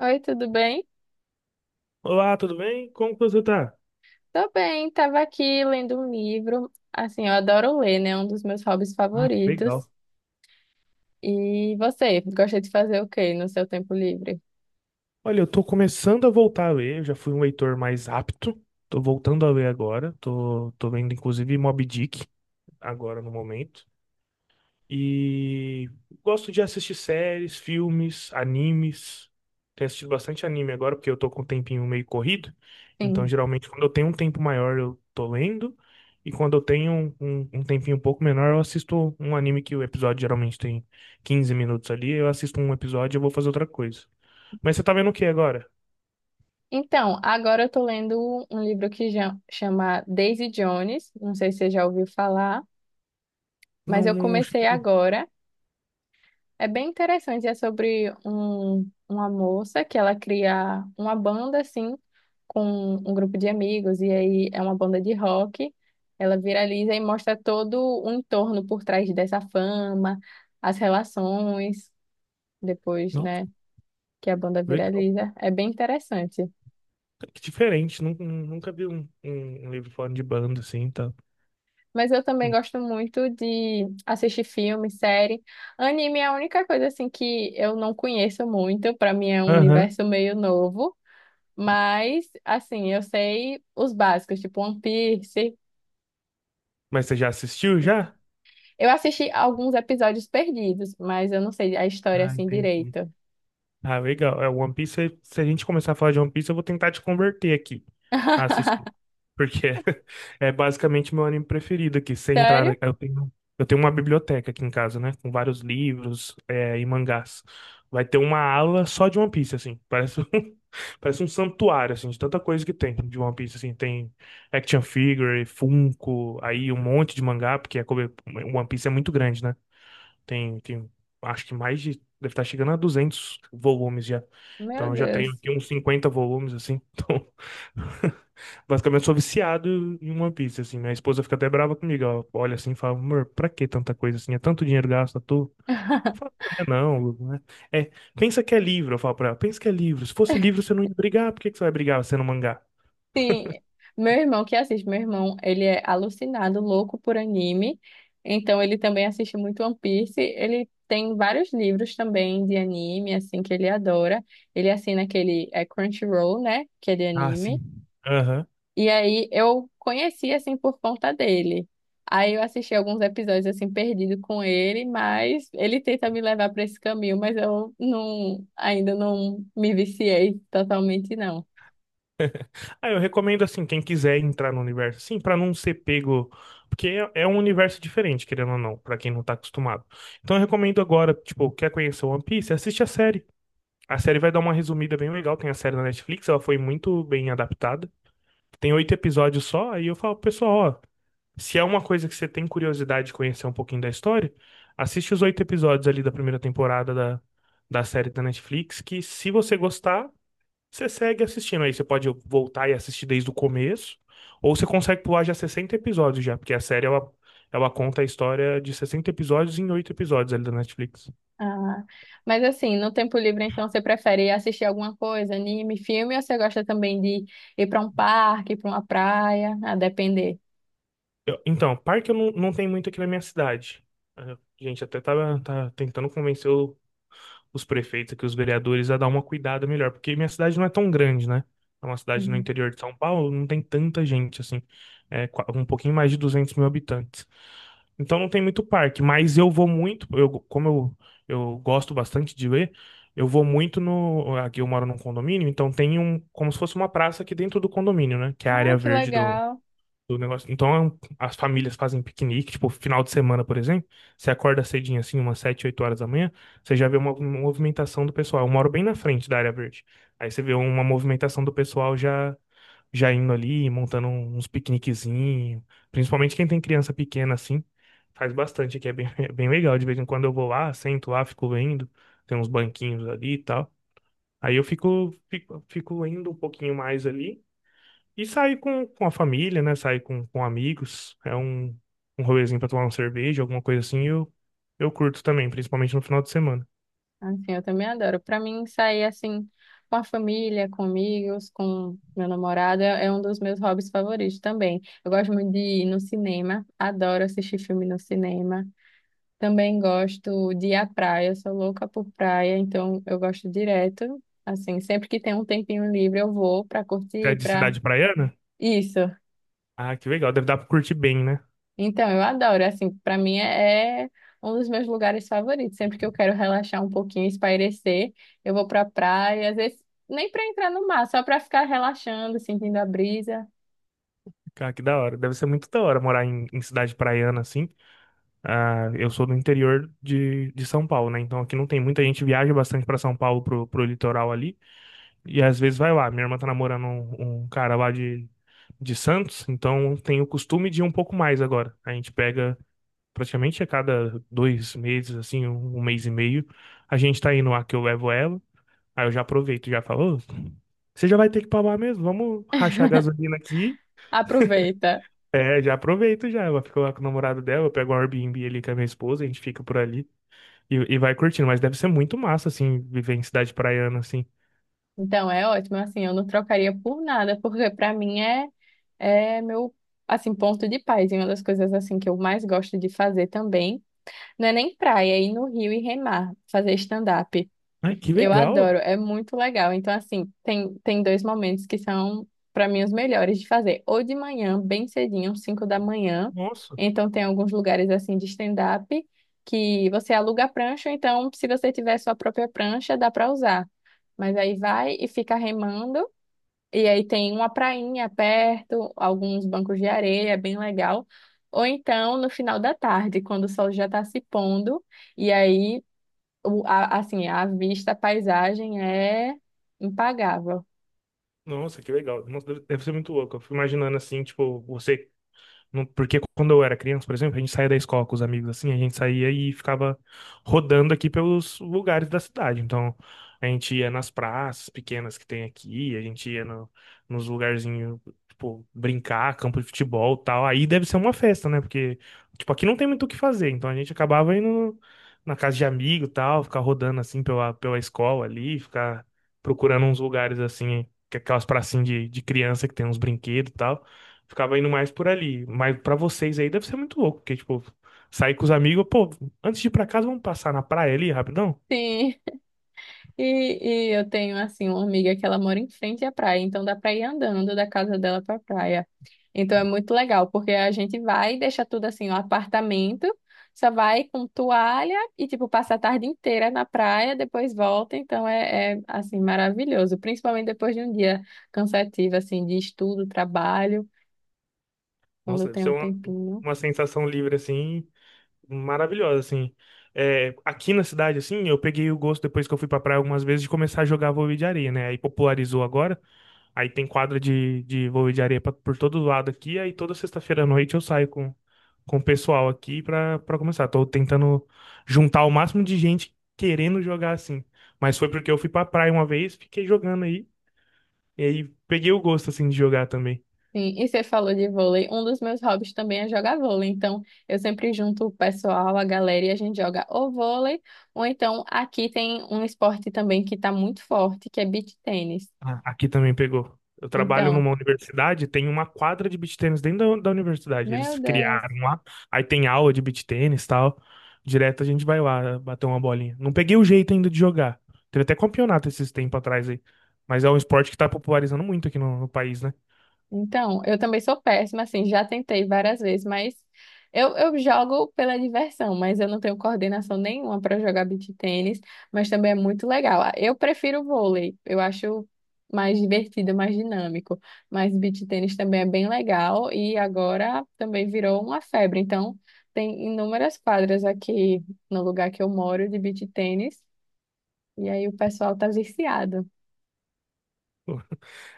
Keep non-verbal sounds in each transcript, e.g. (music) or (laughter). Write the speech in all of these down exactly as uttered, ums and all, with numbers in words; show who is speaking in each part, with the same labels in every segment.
Speaker 1: Oi, tudo bem?
Speaker 2: Olá, tudo bem? Como que você tá?
Speaker 1: Tô bem, tava aqui lendo um livro. Assim, eu adoro ler, né? É um dos meus hobbies
Speaker 2: Ah, que legal.
Speaker 1: favoritos. E você, gosta de fazer o quê no seu tempo livre?
Speaker 2: Olha, eu tô começando a voltar a ler, eu já fui um leitor mais apto. Tô voltando a ler agora. Tô, tô lendo inclusive Moby Dick agora no momento. E gosto de assistir séries, filmes, animes. Tenho assistido bastante anime agora, porque eu tô com um tempinho meio corrido. Então,
Speaker 1: Sim.
Speaker 2: geralmente, quando eu tenho um tempo maior, eu tô lendo. E quando eu tenho um, um um tempinho um pouco menor, eu assisto um anime que o episódio geralmente tem quinze minutos ali. Eu assisto um episódio e eu vou fazer outra coisa. Mas você tá vendo o que agora?
Speaker 1: Então, agora eu tô lendo um livro que já- chama Daisy Jones, não sei se você já ouviu falar, mas
Speaker 2: Não,
Speaker 1: eu
Speaker 2: não
Speaker 1: comecei
Speaker 2: cheguei.
Speaker 1: agora. É bem interessante, é sobre um, uma moça que ela cria uma banda assim com um grupo de amigos e aí é uma banda de rock. Ela viraliza e mostra todo o entorno por trás dessa fama, as relações depois,
Speaker 2: Nossa,
Speaker 1: né, que a banda
Speaker 2: legal.
Speaker 1: viraliza. É bem interessante.
Speaker 2: Que diferente. Nun- nun- Nunca vi um, um um livro falando de banda assim, tá?
Speaker 1: Mas eu também gosto muito de assistir filme, série. Anime é a única coisa assim que eu não conheço muito, para mim é um
Speaker 2: Aham.
Speaker 1: universo meio novo. Mas, assim, eu sei os básicos, tipo One Piece.
Speaker 2: Mas você já assistiu já?
Speaker 1: Eu assisti alguns episódios perdidos, mas eu não sei a história
Speaker 2: Ah,
Speaker 1: assim
Speaker 2: entendi.
Speaker 1: direito.
Speaker 2: Ah, legal. É, One Piece, se se a gente começar a falar de One Piece, eu vou tentar te converter aqui a
Speaker 1: (laughs)
Speaker 2: assistir. Porque é, (laughs) é basicamente meu anime preferido aqui. Se entrar,
Speaker 1: Sério?
Speaker 2: na- eu tenho, eu tenho uma biblioteca aqui em casa, né? Com vários livros, é, e mangás. Vai ter uma ala só de One Piece, assim. Parece, um- (laughs) parece um santuário, assim, de tanta coisa que tem de One Piece, assim. Tem action figure, Funko, aí um monte de mangá, porque é, como- One Piece é muito grande, né? Tem, tem, acho que mais de, deve estar chegando a duzentos volumes já.
Speaker 1: Meu
Speaker 2: Então eu já tenho
Speaker 1: Deus.
Speaker 2: aqui uns cinquenta volumes, assim. Então, (laughs) basicamente sou viciado em One Piece, assim. Minha esposa fica até brava comigo. Ela olha assim e fala, amor, pra que tanta coisa assim? É tanto dinheiro gasto à toa. Eu
Speaker 1: (laughs)
Speaker 2: falo, não, é não, Lu, né? É, pensa que é livro, eu falo pra ela, pensa que é livro. Se fosse livro, você não ia brigar. Por que que você vai brigar sendo mangá?
Speaker 1: Sim, meu irmão que assiste, meu irmão, ele é alucinado, louco por anime. Então, ele também assiste muito One Piece. Ele tem vários livros também de anime, assim, que ele adora. Ele assina aquele é, Crunchyroll, né? Que é de
Speaker 2: Ah,
Speaker 1: anime.
Speaker 2: sim. Aham.
Speaker 1: E aí eu conheci assim por conta dele. Aí eu assisti alguns episódios assim perdido com ele, mas ele tenta me levar para esse caminho, mas eu não ainda não me viciei totalmente não.
Speaker 2: Ah, eu recomendo assim, quem quiser entrar no universo, assim, pra não ser pego, porque é, é um universo diferente, querendo ou não, pra quem não tá acostumado. Então eu recomendo agora, tipo, quer conhecer One Piece, assiste a série. A série vai dar uma resumida bem legal, tem a série na Netflix, ela foi muito bem adaptada. Tem oito episódios só, aí eu falo, pessoal, ó, se é uma coisa que você tem curiosidade de conhecer um pouquinho da história, assiste os oito episódios ali da primeira temporada da, da série da Netflix, que se você gostar, você segue assistindo aí, você pode voltar e assistir desde o começo, ou você consegue pular já sessenta episódios já, porque a série ela, ela conta a história de sessenta episódios em oito episódios ali da Netflix.
Speaker 1: Ah, mas assim, no tempo livre então você prefere assistir alguma coisa, anime, filme, ou você gosta também de ir para um parque, para uma praia, a depender?
Speaker 2: Eu- então, parque eu não, não tem muito aqui na minha cidade. A gente até tá, tá tentando convencer o- os prefeitos aqui, os vereadores, a dar uma cuidada melhor, porque minha cidade não é tão grande, né? É uma cidade no
Speaker 1: Uhum.
Speaker 2: interior de São Paulo, não tem tanta gente assim, é qua- um pouquinho mais de duzentos mil habitantes. Então não tem muito parque, mas eu vou muito, eu, como eu, eu gosto bastante de ler, eu vou muito no. Aqui eu moro num condomínio, então tem um, como se fosse uma praça aqui dentro do condomínio, né? Que é a
Speaker 1: Ah,
Speaker 2: área
Speaker 1: que
Speaker 2: verde do,
Speaker 1: legal.
Speaker 2: do negócio. Então é um- as famílias fazem piquenique, tipo, final de semana, por exemplo. Você acorda cedinho assim, umas sete, oito horas da manhã, você já vê uma movimentação do pessoal. Eu moro bem na frente da área verde. Aí você vê uma movimentação do pessoal já já indo ali, montando uns piqueniquezinhos. Principalmente quem tem criança pequena assim, faz bastante aqui, é bem, (laughs) é bem legal. De vez em quando eu vou lá, sento lá, fico vendo, tem uns banquinhos ali e tal. Aí eu fico, fico, fico indo um pouquinho mais ali e saio com, com a família, né? Saio com, com amigos, é um, um rolezinho pra tomar uma cerveja, alguma coisa assim, eu, eu curto também, principalmente no final de semana.
Speaker 1: Assim, eu também adoro. Para mim, sair assim com a família, com amigos, com meu namorado é é um dos meus hobbies favoritos também. Eu gosto muito de ir no cinema, adoro assistir filme no cinema. Também gosto de ir à praia, sou louca por praia, então eu gosto direto. Assim, sempre que tem um tempinho livre, eu vou para
Speaker 2: Você é
Speaker 1: curtir,
Speaker 2: de
Speaker 1: para
Speaker 2: cidade praiana?
Speaker 1: isso.
Speaker 2: Ah, que legal, deve dar pra curtir bem, né?
Speaker 1: Então, eu adoro, assim, para mim é, é um dos meus lugares favoritos. Sempre que eu quero relaxar um pouquinho, espairecer, eu vou pra praia, às vezes nem para entrar no mar, só para ficar relaxando, sentindo a brisa.
Speaker 2: Cara, que da hora. Deve ser muito da hora morar em, em cidade praiana, assim. Ah, eu sou do interior de, de São Paulo, né? Então aqui não tem muita gente viaja bastante pra São Paulo pro, pro litoral ali e às vezes vai lá. Minha irmã tá namorando um, um cara lá de, de Santos, então tem o costume de ir um pouco mais agora. A gente pega praticamente a cada dois meses, assim, um, um mês e meio, a gente tá indo lá que eu levo ela. Aí eu já aproveito, já falo, "Ô, você já vai ter que ir lá mesmo? Vamos rachar a gasolina aqui.
Speaker 1: Aproveita.
Speaker 2: É, já aproveito já. Ela fica lá com o namorado dela, eu pego um Airbnb ali com a minha esposa, a gente fica por ali. E, e vai curtindo, mas deve ser muito massa, assim, viver em cidade praiana, assim.
Speaker 1: Então, é ótimo, assim, eu não trocaria por nada, porque para mim é é meu assim ponto de paz, e uma das coisas assim que eu mais gosto de fazer também. Não é nem praia, é ir no rio e remar, fazer stand-up.
Speaker 2: Ai, que
Speaker 1: Eu adoro,
Speaker 2: legal!
Speaker 1: é muito legal. Então, assim, tem, tem dois momentos que são, para mim, os melhores de fazer. Ou de manhã, bem cedinho, cinco da manhã.
Speaker 2: Nossa,
Speaker 1: Então, tem alguns lugares, assim, de stand-up que você aluga a prancha. Então, se você tiver sua própria prancha, dá para usar. Mas aí vai e fica remando. E aí tem uma prainha perto, alguns bancos de areia, é bem legal. Ou então, no final da tarde, quando o sol já está se pondo. E aí o- a- assim, a vista, a paisagem é impagável.
Speaker 2: nossa, que legal. Nossa, deve, deve ser muito louco. Eu fico imaginando, assim, tipo, você Não- Porque quando eu era criança, por exemplo, a gente saía da escola com os amigos assim, a gente saía e ficava rodando aqui pelos lugares da cidade. Então, a gente ia nas praças pequenas que tem aqui, a gente ia no- nos lugarzinhos, tipo, brincar, campo de futebol, e tal. Aí deve ser uma festa, né? Porque, tipo, aqui não tem muito o que fazer, então a gente acabava indo na casa de amigo, e tal, ficar rodando assim pela pela escola ali, ficar procurando uns lugares assim, que é aquelas pracinhas de, de criança que tem uns brinquedos, e tal. Ficava indo mais por ali. Mas pra vocês aí deve ser muito louco, porque, tipo, sair com os amigos, pô, antes de ir pra casa, vamos passar na praia ali rapidão?
Speaker 1: Sim, e, e eu tenho, assim, uma amiga que ela mora em frente à praia, então dá para ir andando da casa dela para a praia. Então é muito legal, porque a gente vai e deixa tudo assim, o apartamento, só vai com toalha e, tipo, passa a tarde inteira na praia, depois volta, então é, é assim, maravilhoso, principalmente depois de um dia cansativo, assim, de estudo, trabalho, quando
Speaker 2: Nossa, deve
Speaker 1: tem
Speaker 2: ser
Speaker 1: um
Speaker 2: uma,
Speaker 1: tempinho.
Speaker 2: uma sensação livre, assim, maravilhosa, assim. É, aqui na cidade, assim, eu peguei o gosto, depois que eu fui pra praia algumas vezes, de começar a jogar vôlei de areia, né? Aí popularizou agora. Aí tem quadra de, de vôlei de areia pra- por todo lado aqui. Aí toda sexta-feira à noite eu saio com, com o pessoal aqui pra, pra começar. Tô tentando juntar o máximo de gente querendo jogar assim. Mas foi porque eu fui pra praia uma vez, fiquei jogando aí. E aí peguei o gosto assim de jogar também.
Speaker 1: Sim, e você falou de vôlei. Um dos meus hobbies também é jogar vôlei. Então, eu sempre junto o pessoal, a galera, e a gente joga ou vôlei, ou então aqui tem um esporte também que está muito forte, que é beach tênis.
Speaker 2: Ah, aqui também pegou. Eu trabalho
Speaker 1: Então,
Speaker 2: numa universidade, tem uma quadra de beach tênis dentro da, da universidade.
Speaker 1: meu
Speaker 2: Eles
Speaker 1: Deus.
Speaker 2: criaram lá, aí tem aula de beach tênis e tal. Direto a gente vai lá bater uma bolinha. Não peguei o jeito ainda de jogar. Teve até campeonato esses tempos atrás aí. Mas é um esporte que tá popularizando muito aqui no, no país, né?
Speaker 1: Então, eu também sou péssima, assim, já tentei várias vezes, mas eu, eu jogo pela diversão, mas eu não tenho coordenação nenhuma para jogar beach tênis, mas também é muito legal. Ah, eu prefiro vôlei, eu acho mais divertido, mais dinâmico, mas beach tênis também é bem legal e agora também virou uma febre. Então, tem inúmeras quadras aqui no lugar que eu moro de beach tênis, e aí o pessoal tá viciado.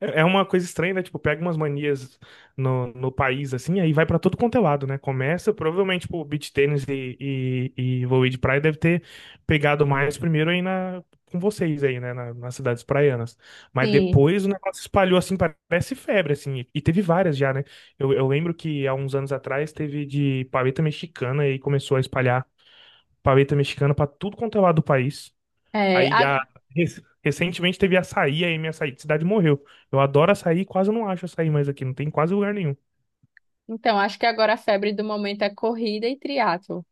Speaker 2: É é uma coisa estranha, né? Tipo, pega umas manias no, no país, assim, aí vai pra todo quanto é lado, né? Começa, provavelmente, tipo, beach tennis e, e, e vôlei de praia deve ter pegado mais primeiro aí na, com vocês aí, né? Na- nas cidades praianas. Mas
Speaker 1: Sim.
Speaker 2: depois o negócio espalhou, assim, parece febre, assim. E, e teve várias já, né? Eu, eu lembro que há uns anos atrás teve de paleta mexicana e começou a espalhar paleta mexicana pra tudo quanto é lado do país.
Speaker 1: É,
Speaker 2: Aí, a- rec- recentemente teve açaí, aí minha açaí de cidade morreu. Eu adoro açaí, quase não acho açaí mais aqui, não tem em quase lugar nenhum.
Speaker 1: então, acho que agora a febre do momento é corrida e triatlo,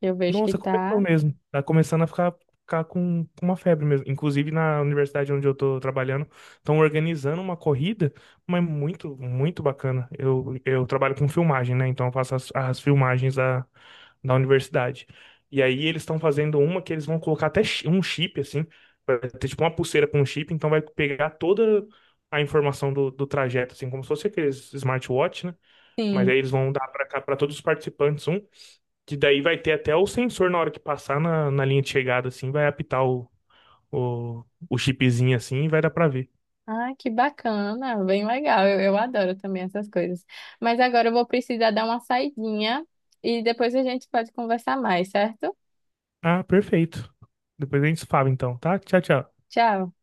Speaker 1: que eu vejo que
Speaker 2: Nossa, começou
Speaker 1: tá,
Speaker 2: mesmo. Tá começando a ficar, ficar com, com uma febre mesmo. Inclusive, na universidade onde eu tô trabalhando, estão organizando uma corrida, mas muito, muito bacana. Eu, eu trabalho com filmagem, né? Então, eu faço as, as filmagens da, da universidade. E aí, eles estão fazendo uma que eles vão colocar até chi- um chip, assim. Vai ter tipo uma pulseira com um chip, então vai pegar toda a informação do, do trajeto, assim, como se fosse aqueles smartwatch, né? Mas
Speaker 1: sim.
Speaker 2: aí eles vão dar para cá para todos os participantes um, que daí vai ter até o sensor na hora que passar na, na linha de chegada, assim, vai apitar o, o, o chipzinho assim e vai dar pra ver.
Speaker 1: Ah, que bacana, bem legal. Eu, eu adoro também essas coisas. Mas agora eu vou precisar dar uma saidinha e depois a gente pode conversar mais, certo?
Speaker 2: Ah, perfeito. Depois a gente se fala então, tá? Tchau, tchau.
Speaker 1: Tchau.